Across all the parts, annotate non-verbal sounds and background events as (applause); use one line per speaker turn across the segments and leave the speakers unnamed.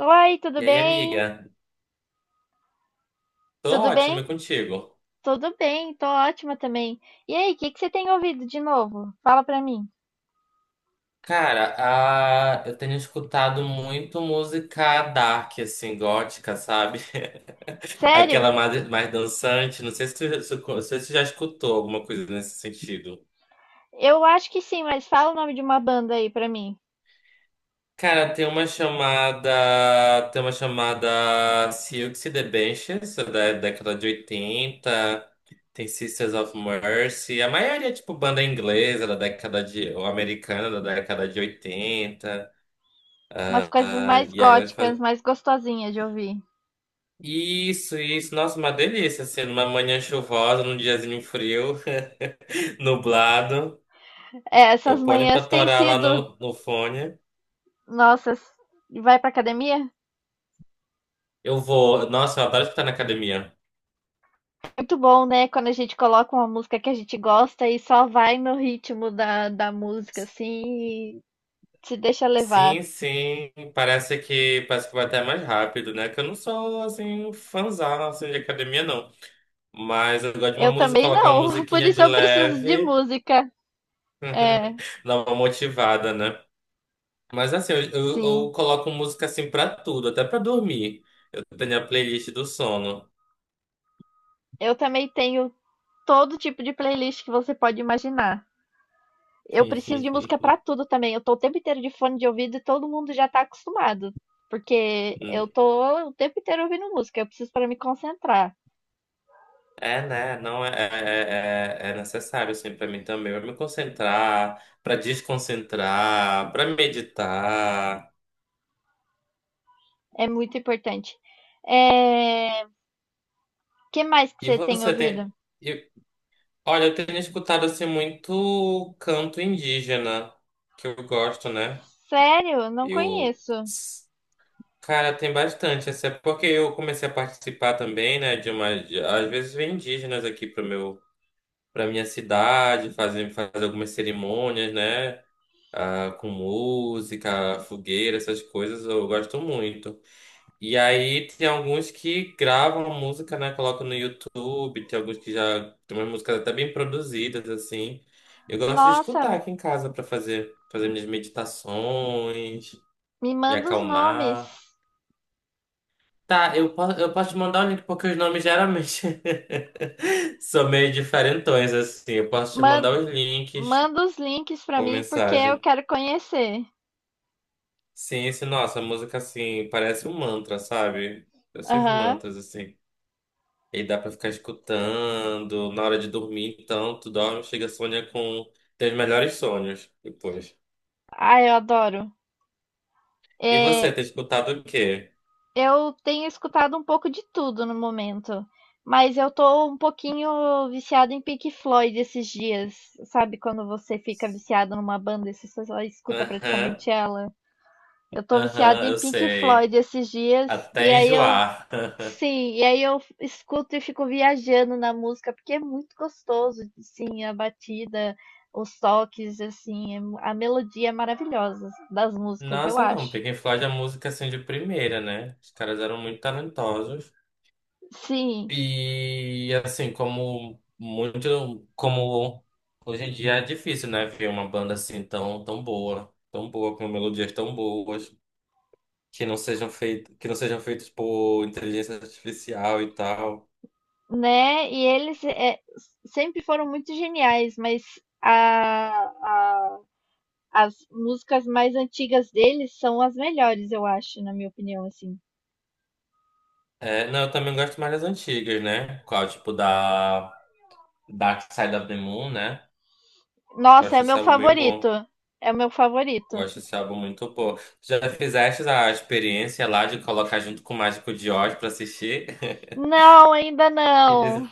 Oi, tudo
E aí,
bem?
amiga? Tô
Tudo
ótimo
bem?
e contigo.
Tudo bem, tô ótima também. E aí, o que que você tem ouvido de novo? Fala pra mim.
Cara, eu tenho escutado muito música dark, assim, gótica, sabe? (laughs)
Sério?
Aquela mais dançante. Não sei se tu já escutou alguma coisa nesse sentido.
Eu acho que sim, mas fala o nome de uma banda aí pra mim.
Cara, tem uma chamada Silks e the Benches, da década de 80. Tem Sisters of Mercy. A maioria é tipo banda inglesa da década de. Ou americana da década de 80.
Umas coisas
Ah,
mais
e aí elas
góticas,
fazem.
mais gostosinhas de ouvir.
Isso, isso. Nossa, uma delícia, assim, numa manhã chuvosa, num diazinho frio, (laughs) nublado.
É, essas
Eu ponho pra
manhãs têm
torar lá
sido,
no fone.
nossa, vai pra academia?
Eu vou. Nossa, eu adoro escutar na academia.
Muito bom, né? Quando a gente coloca uma música que a gente gosta e só vai no ritmo da música, assim, e se deixa levar.
Sim, sim, parece que vai até mais rápido, né? Que eu não sou assim fãzão assim, de academia, não. Mas eu gosto de uma
Eu
música,
também
colocar uma
não, (laughs) por
musiquinha de
isso eu preciso de
leve,
música. É,
(laughs) dar uma motivada, né? Mas assim, eu
sim.
coloco música assim pra tudo, até pra dormir. Eu tenho a playlist do sono.
Eu também tenho todo tipo de playlist que você pode imaginar. Eu preciso de música pra
(laughs)
tudo também. Eu tô o tempo inteiro de fone de ouvido e todo mundo já tá acostumado, porque
Hum,
eu tô o tempo inteiro ouvindo música. Eu preciso para me concentrar.
É, né? Não é necessário, assim, pra mim também. Pra me concentrar, pra desconcentrar, pra meditar.
É muito importante. É, que mais que
E
você tem
você tem.
ouvido?
E, olha, eu tenho escutado, assim, muito canto indígena, que eu gosto, né?
Sério? Não
Eu.
conheço.
Cara, tem bastante. Assim, é porque eu comecei a participar também, né? De uma. Às vezes vem indígenas aqui pro meu. Para minha cidade, fazer algumas cerimônias, né? Ah, com música, fogueira, essas coisas eu gosto muito. E aí tem alguns que gravam a música, né? Colocam no YouTube, tem alguns que já tem umas músicas até bem produzidas, assim. Eu gosto de
Nossa,
escutar aqui em casa para fazer minhas meditações,
me
me
manda os nomes.
acalmar. Tá, eu posso te mandar o link porque os nomes geralmente (laughs) são meio diferentões, assim. Eu posso te
Man-
mandar os links.
Manda os links pra
Uma
mim porque eu
mensagem.
quero conhecer.
Sim, esse, nossa, a música assim parece um mantra, sabe? Parece uns
Aham.
mantras, assim. E dá pra ficar escutando na hora de dormir, então tu dorme, chega, sonha com teus melhores sonhos depois.
Ah, eu adoro.
E você,
É,
tem escutado o quê?
eu tenho escutado um pouco de tudo no momento, mas eu tô um pouquinho viciada em Pink Floyd esses dias. Sabe quando você fica viciado numa banda e você só escuta
Aham,
praticamente ela? Eu tô viciada
aham,
em
eu
Pink
sei.
Floyd esses dias e
Até
aí eu,
enjoar. (laughs)
sim, e aí eu escuto e fico viajando na música porque é muito gostoso, sim, a batida, os toques, assim, é a melodia é maravilhosa das músicas, eu
Nossa, não,
acho.
Pink Floyd é música assim de primeira, né? Os caras eram muito talentosos.
Sim.
E assim, como muito, como hoje em dia é difícil, né, ver uma banda assim tão, tão boa, com melodias tão boas, que não sejam feitas, que não sejam feitas por inteligência artificial e tal.
Né, e eles, sempre foram muito geniais, mas a a as músicas mais antigas deles são as melhores, eu acho, na minha opinião, assim.
É, não, eu também gosto mais das antigas, né? Qual, tipo da Dark Side of the Moon, né? Eu
Nossa, é
acho
o
esse
meu
álbum bem
favorito,
bom.
é o meu favorito.
Eu acho esse álbum muito bom. Já fizeste a experiência lá de colocar junto com o Mágico de Oz pra assistir? (laughs)
Não, ainda
E
não.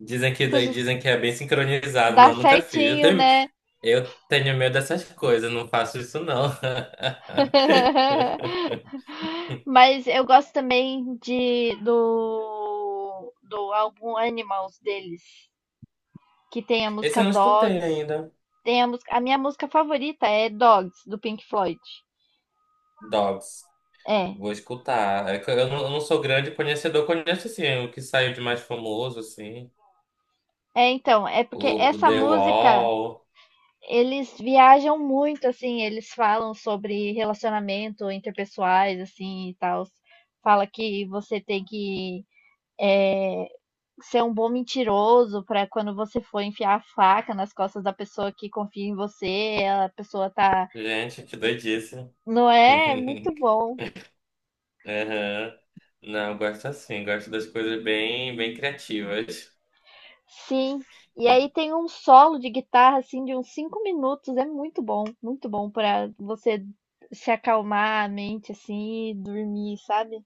Dizem que,
Você
dizem que é bem sincronizado.
dá
Não, nunca fiz. Eu
certinho,
tenho,
né.
eu tenho medo dessas coisas, não faço isso não. (laughs)
(laughs) Mas eu gosto também de do álbum Animals deles, que tem a
Esse
música
eu não escutei
Dogs.
ainda.
Tem a música, a minha música favorita é Dogs, do Pink Floyd.
Dogs.
É.
Vou escutar. É que eu não, eu não sou grande conhecedor, conheço assim o que saiu de mais famoso, assim.
É, então, é porque
O
essa
The
música,
Wall.
eles viajam muito, assim, eles falam sobre relacionamento interpessoais, assim, e tal. Fala que você tem que ser um bom mentiroso para quando você for enfiar a faca nas costas da pessoa que confia em você, a pessoa tá.
Gente, que doidice.
Não é. É muito
(laughs)
bom.
Aham. Não, eu gosto assim, gosto das coisas bem, bem criativas.
Sim, e aí
E,
tem um solo de guitarra assim de uns 5 minutos, é muito bom para você se acalmar a mente assim, e dormir, sabe?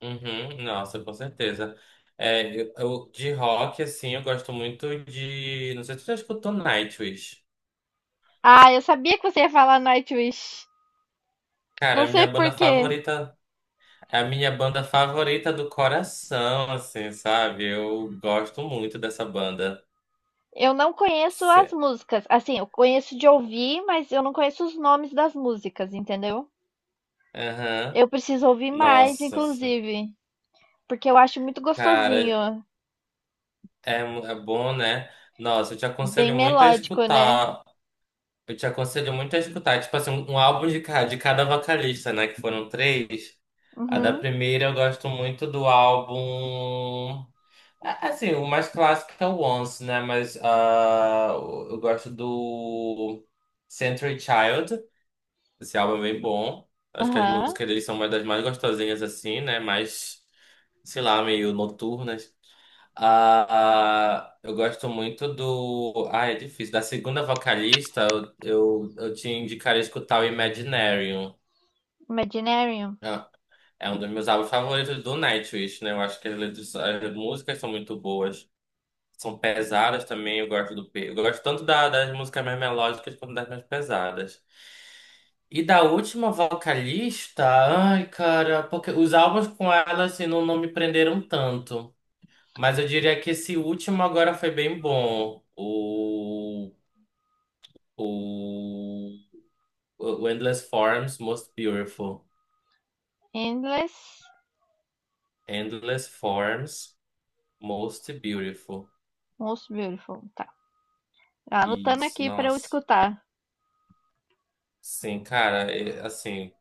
uhum, nossa, com certeza. É, de rock, assim, eu gosto muito de. Não sei se tu já escutou Nightwish.
Ah, eu sabia que você ia falar Nightwish.
Cara,
Não
a
sei
minha
por
banda
quê.
favorita. É a minha banda favorita do coração, assim, sabe? Eu gosto muito dessa banda.
Eu não conheço as
Cê-
músicas. Assim, eu conheço de ouvir, mas eu não conheço os nomes das músicas, entendeu?
Aham.
Eu preciso ouvir mais,
Nossa, assim,
inclusive, porque eu acho muito
cara,
gostosinho,
é, é bom, né? Nossa, eu te
bem
aconselho muito a
melódico, né?
escutar. Eu te aconselho muito a escutar, tipo assim, um álbum de cada vocalista, né? Que foram três. A da
Uhum.
primeira eu gosto muito do álbum. Assim, o mais clássico é o Once, né? Mas ah, eu gosto do Century Child. Esse álbum é bem bom. Acho que as
Aham.
músicas deles são uma das mais gostosinhas, assim, né? Mais, sei lá, meio noturnas. Ah, eu gosto muito do. Ah, é difícil. Da segunda vocalista, eu te indicaria escutar o Imaginarium.
Imaginarium.
Ah, é um dos meus álbuns favoritos do Nightwish, né? Eu acho que as as músicas são muito boas. São pesadas também, eu gosto do Eu gosto tanto da- das músicas mais melódicas quanto das mais pesadas. E da última vocalista, ai, cara, porque os álbuns com ela, assim, não, não me prenderam tanto. Mas eu diria que esse último agora foi bem bom. O, o Endless Forms Most Beautiful.
Endless.
Endless Forms Most Beautiful.
Most Beautiful, tá. Anotando
Isso,
aqui pra eu
nossa.
escutar.
Sim, cara, é, assim,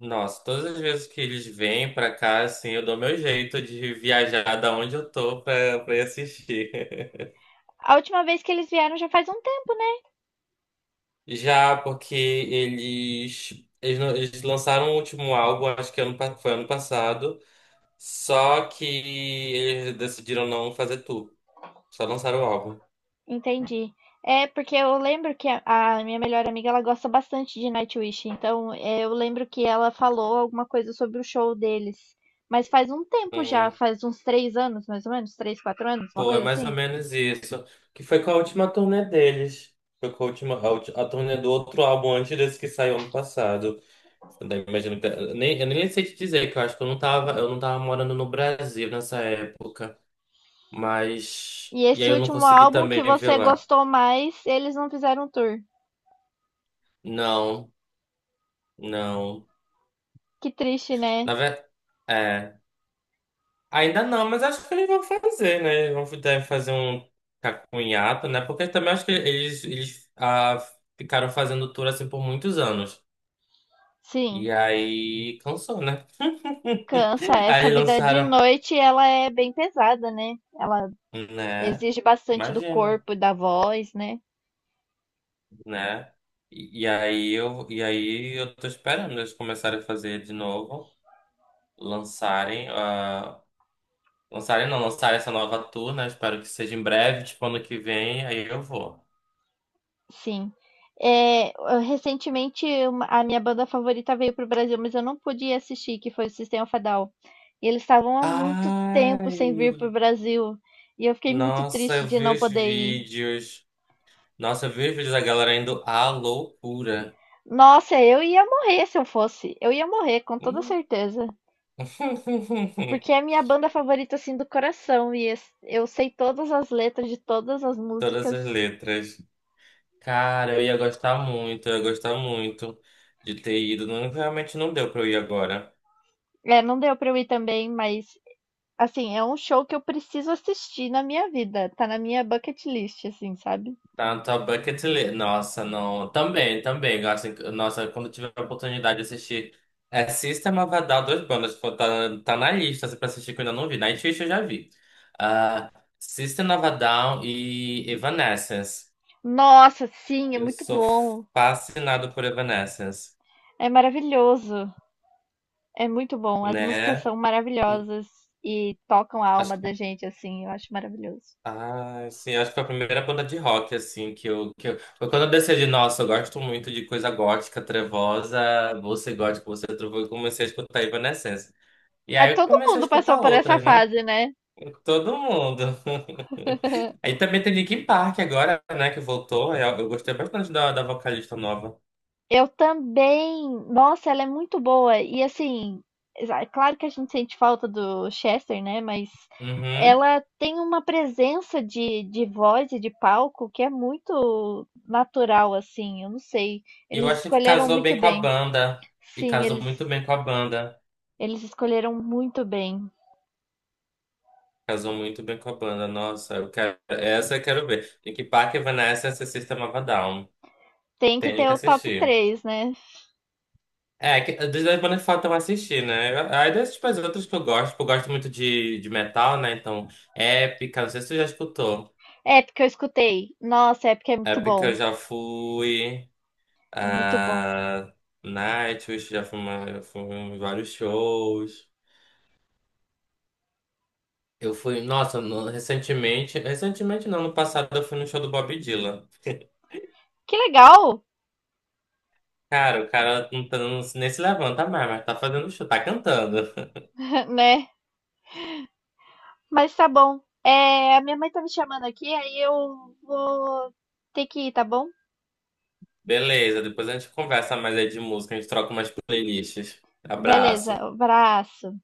nossa, todas as vezes que eles vêm pra cá, assim, eu dou meu jeito de viajar da onde eu tô pra ir assistir.
A última vez que eles vieram já faz um tempo.
(laughs) Já porque eles, não- eles lançaram o último álbum, acho que foi ano passado. Só que eles decidiram não fazer tour. Só lançaram o álbum.
Entendi. É, porque eu lembro que a minha melhor amiga, ela gosta bastante de Nightwish. Então, é, eu lembro que ela falou alguma coisa sobre o show deles. Mas faz um tempo já,
Hum,
faz uns 3 anos, mais ou menos, 3, 4 anos, uma
pô, é
coisa
mais ou
assim.
menos isso. Que foi com a última turnê deles. Foi com a última, a turnê do outro álbum antes desse que saiu ano passado. Eu nem imagino que, eu nem sei te dizer, que eu acho que eu não tava morando no Brasil nessa época. Mas.
E
E aí
esse
eu não
último
consegui
álbum que
também ver
você
lá.
gostou mais, eles não fizeram tour.
Não, não.
Que triste, né?
Na verdade. Ainda não, mas acho que eles vão fazer, né? Eles vão deve fazer um cacunhato, né? Porque também acho que eles ficaram fazendo tour assim por muitos anos.
Sim,
E aí cansou, né?
cansa.
(laughs)
Essa
Aí
vida de
lançaram,
noite, ela é bem pesada, né? Ela
né?
exige bastante do
Imagina,
corpo e da voz, né?
né? E aí eu tô esperando eles começarem a fazer de novo, lançarem a, lançarem não, lançarem essa nova tour, né? Espero que seja em breve, tipo ano que vem, aí eu vou.
Sim. É, recentemente a minha banda favorita veio para o Brasil, mas eu não pude assistir, que foi o System of a Down. E eles estavam há muito tempo sem vir para o
Ai,
Brasil. E eu fiquei muito
nossa,
triste
eu
de
vi
não
os
poder ir.
vídeos. Nossa, eu vi os vídeos da galera indo à loucura.
Nossa, eu ia morrer se eu fosse. Eu ia morrer, com toda
Hum.
certeza.
(laughs)
Porque é a minha banda favorita, assim, do coração. E eu sei todas as letras de todas as
Todas
músicas.
as letras. Cara, eu ia gostar muito de ter ido. Não, realmente não deu pra eu ir agora.
É, não deu pra eu ir também, mas assim, é um show que eu preciso assistir na minha vida. Tá na minha bucket list, assim, sabe?
Tá na tua bucket list. Nossa, não. Também, também. Gosto, nossa, quando tiver a oportunidade de assistir. É System of a Down, dois bandas. Tipo, tá, tá na lista assim, pra assistir que eu ainda não vi. Nightwish eu já vi. ah System of a Down e Evanescence.
Nossa, sim, é
Eu
muito
sou
bom.
fascinado por Evanescence,
É maravilhoso. É muito bom. As músicas
né?
são maravilhosas e tocam a alma da gente, assim. Eu acho maravilhoso.
Ah, sim, acho que foi a primeira banda de rock, assim, que eu... Foi quando eu decidi, nossa, eu gosto muito de coisa gótica, trevosa, você gótico, você trevoso, eu comecei a escutar Evanescence. E
Ah,
aí eu
todo
comecei a
mundo passou
escutar
por essa
outras, né?
fase, né?
Todo mundo. (laughs)
(laughs)
Aí também tem Linkin Park agora, né, que voltou. Eu gostei bastante da vocalista nova.
Eu também. Nossa, ela é muito boa. E assim, é claro que a gente sente falta do Chester, né? Mas
Uhum.
ela tem uma presença de voz e de palco que é muito natural, assim. Eu não sei.
E eu
Eles
achei que
escolheram
casou
muito
bem com a
bem.
banda. E
Sim,
casou
eles,
muito bem com a banda.
eles escolheram muito bem.
Casou muito bem com a banda. Nossa, eu quero... essa eu quero ver. Linkin Park, Evanescence, essa System of a Down.
Tem que
Tenho
ter
que
o top
assistir.
três né?
É, que, das bandas que faltam assistir, né? Eu- Aí das tipo, as outras que eu gosto, tipo, eu gosto muito de metal, né? Então, Épica, não sei se tu já escutou.
É, porque eu escutei. Nossa, é porque é muito
Épica eu
bom.
já fui.
Muito bom.
ah, Nightwish, já fui, uma, eu fui em vários shows. Eu fui, nossa, recentemente, recentemente não, no passado eu fui no show do Bob Dylan.
Que legal,
Cara, o cara não tá, não, nem se levanta mais, mas tá fazendo show, tá cantando.
(laughs) né? Mas tá bom. É, a minha mãe tá me chamando aqui, aí eu vou ter que ir, tá bom?
Beleza, depois a gente conversa mais aí de música, a gente troca umas playlists.
Beleza,
Abraço.
abraço.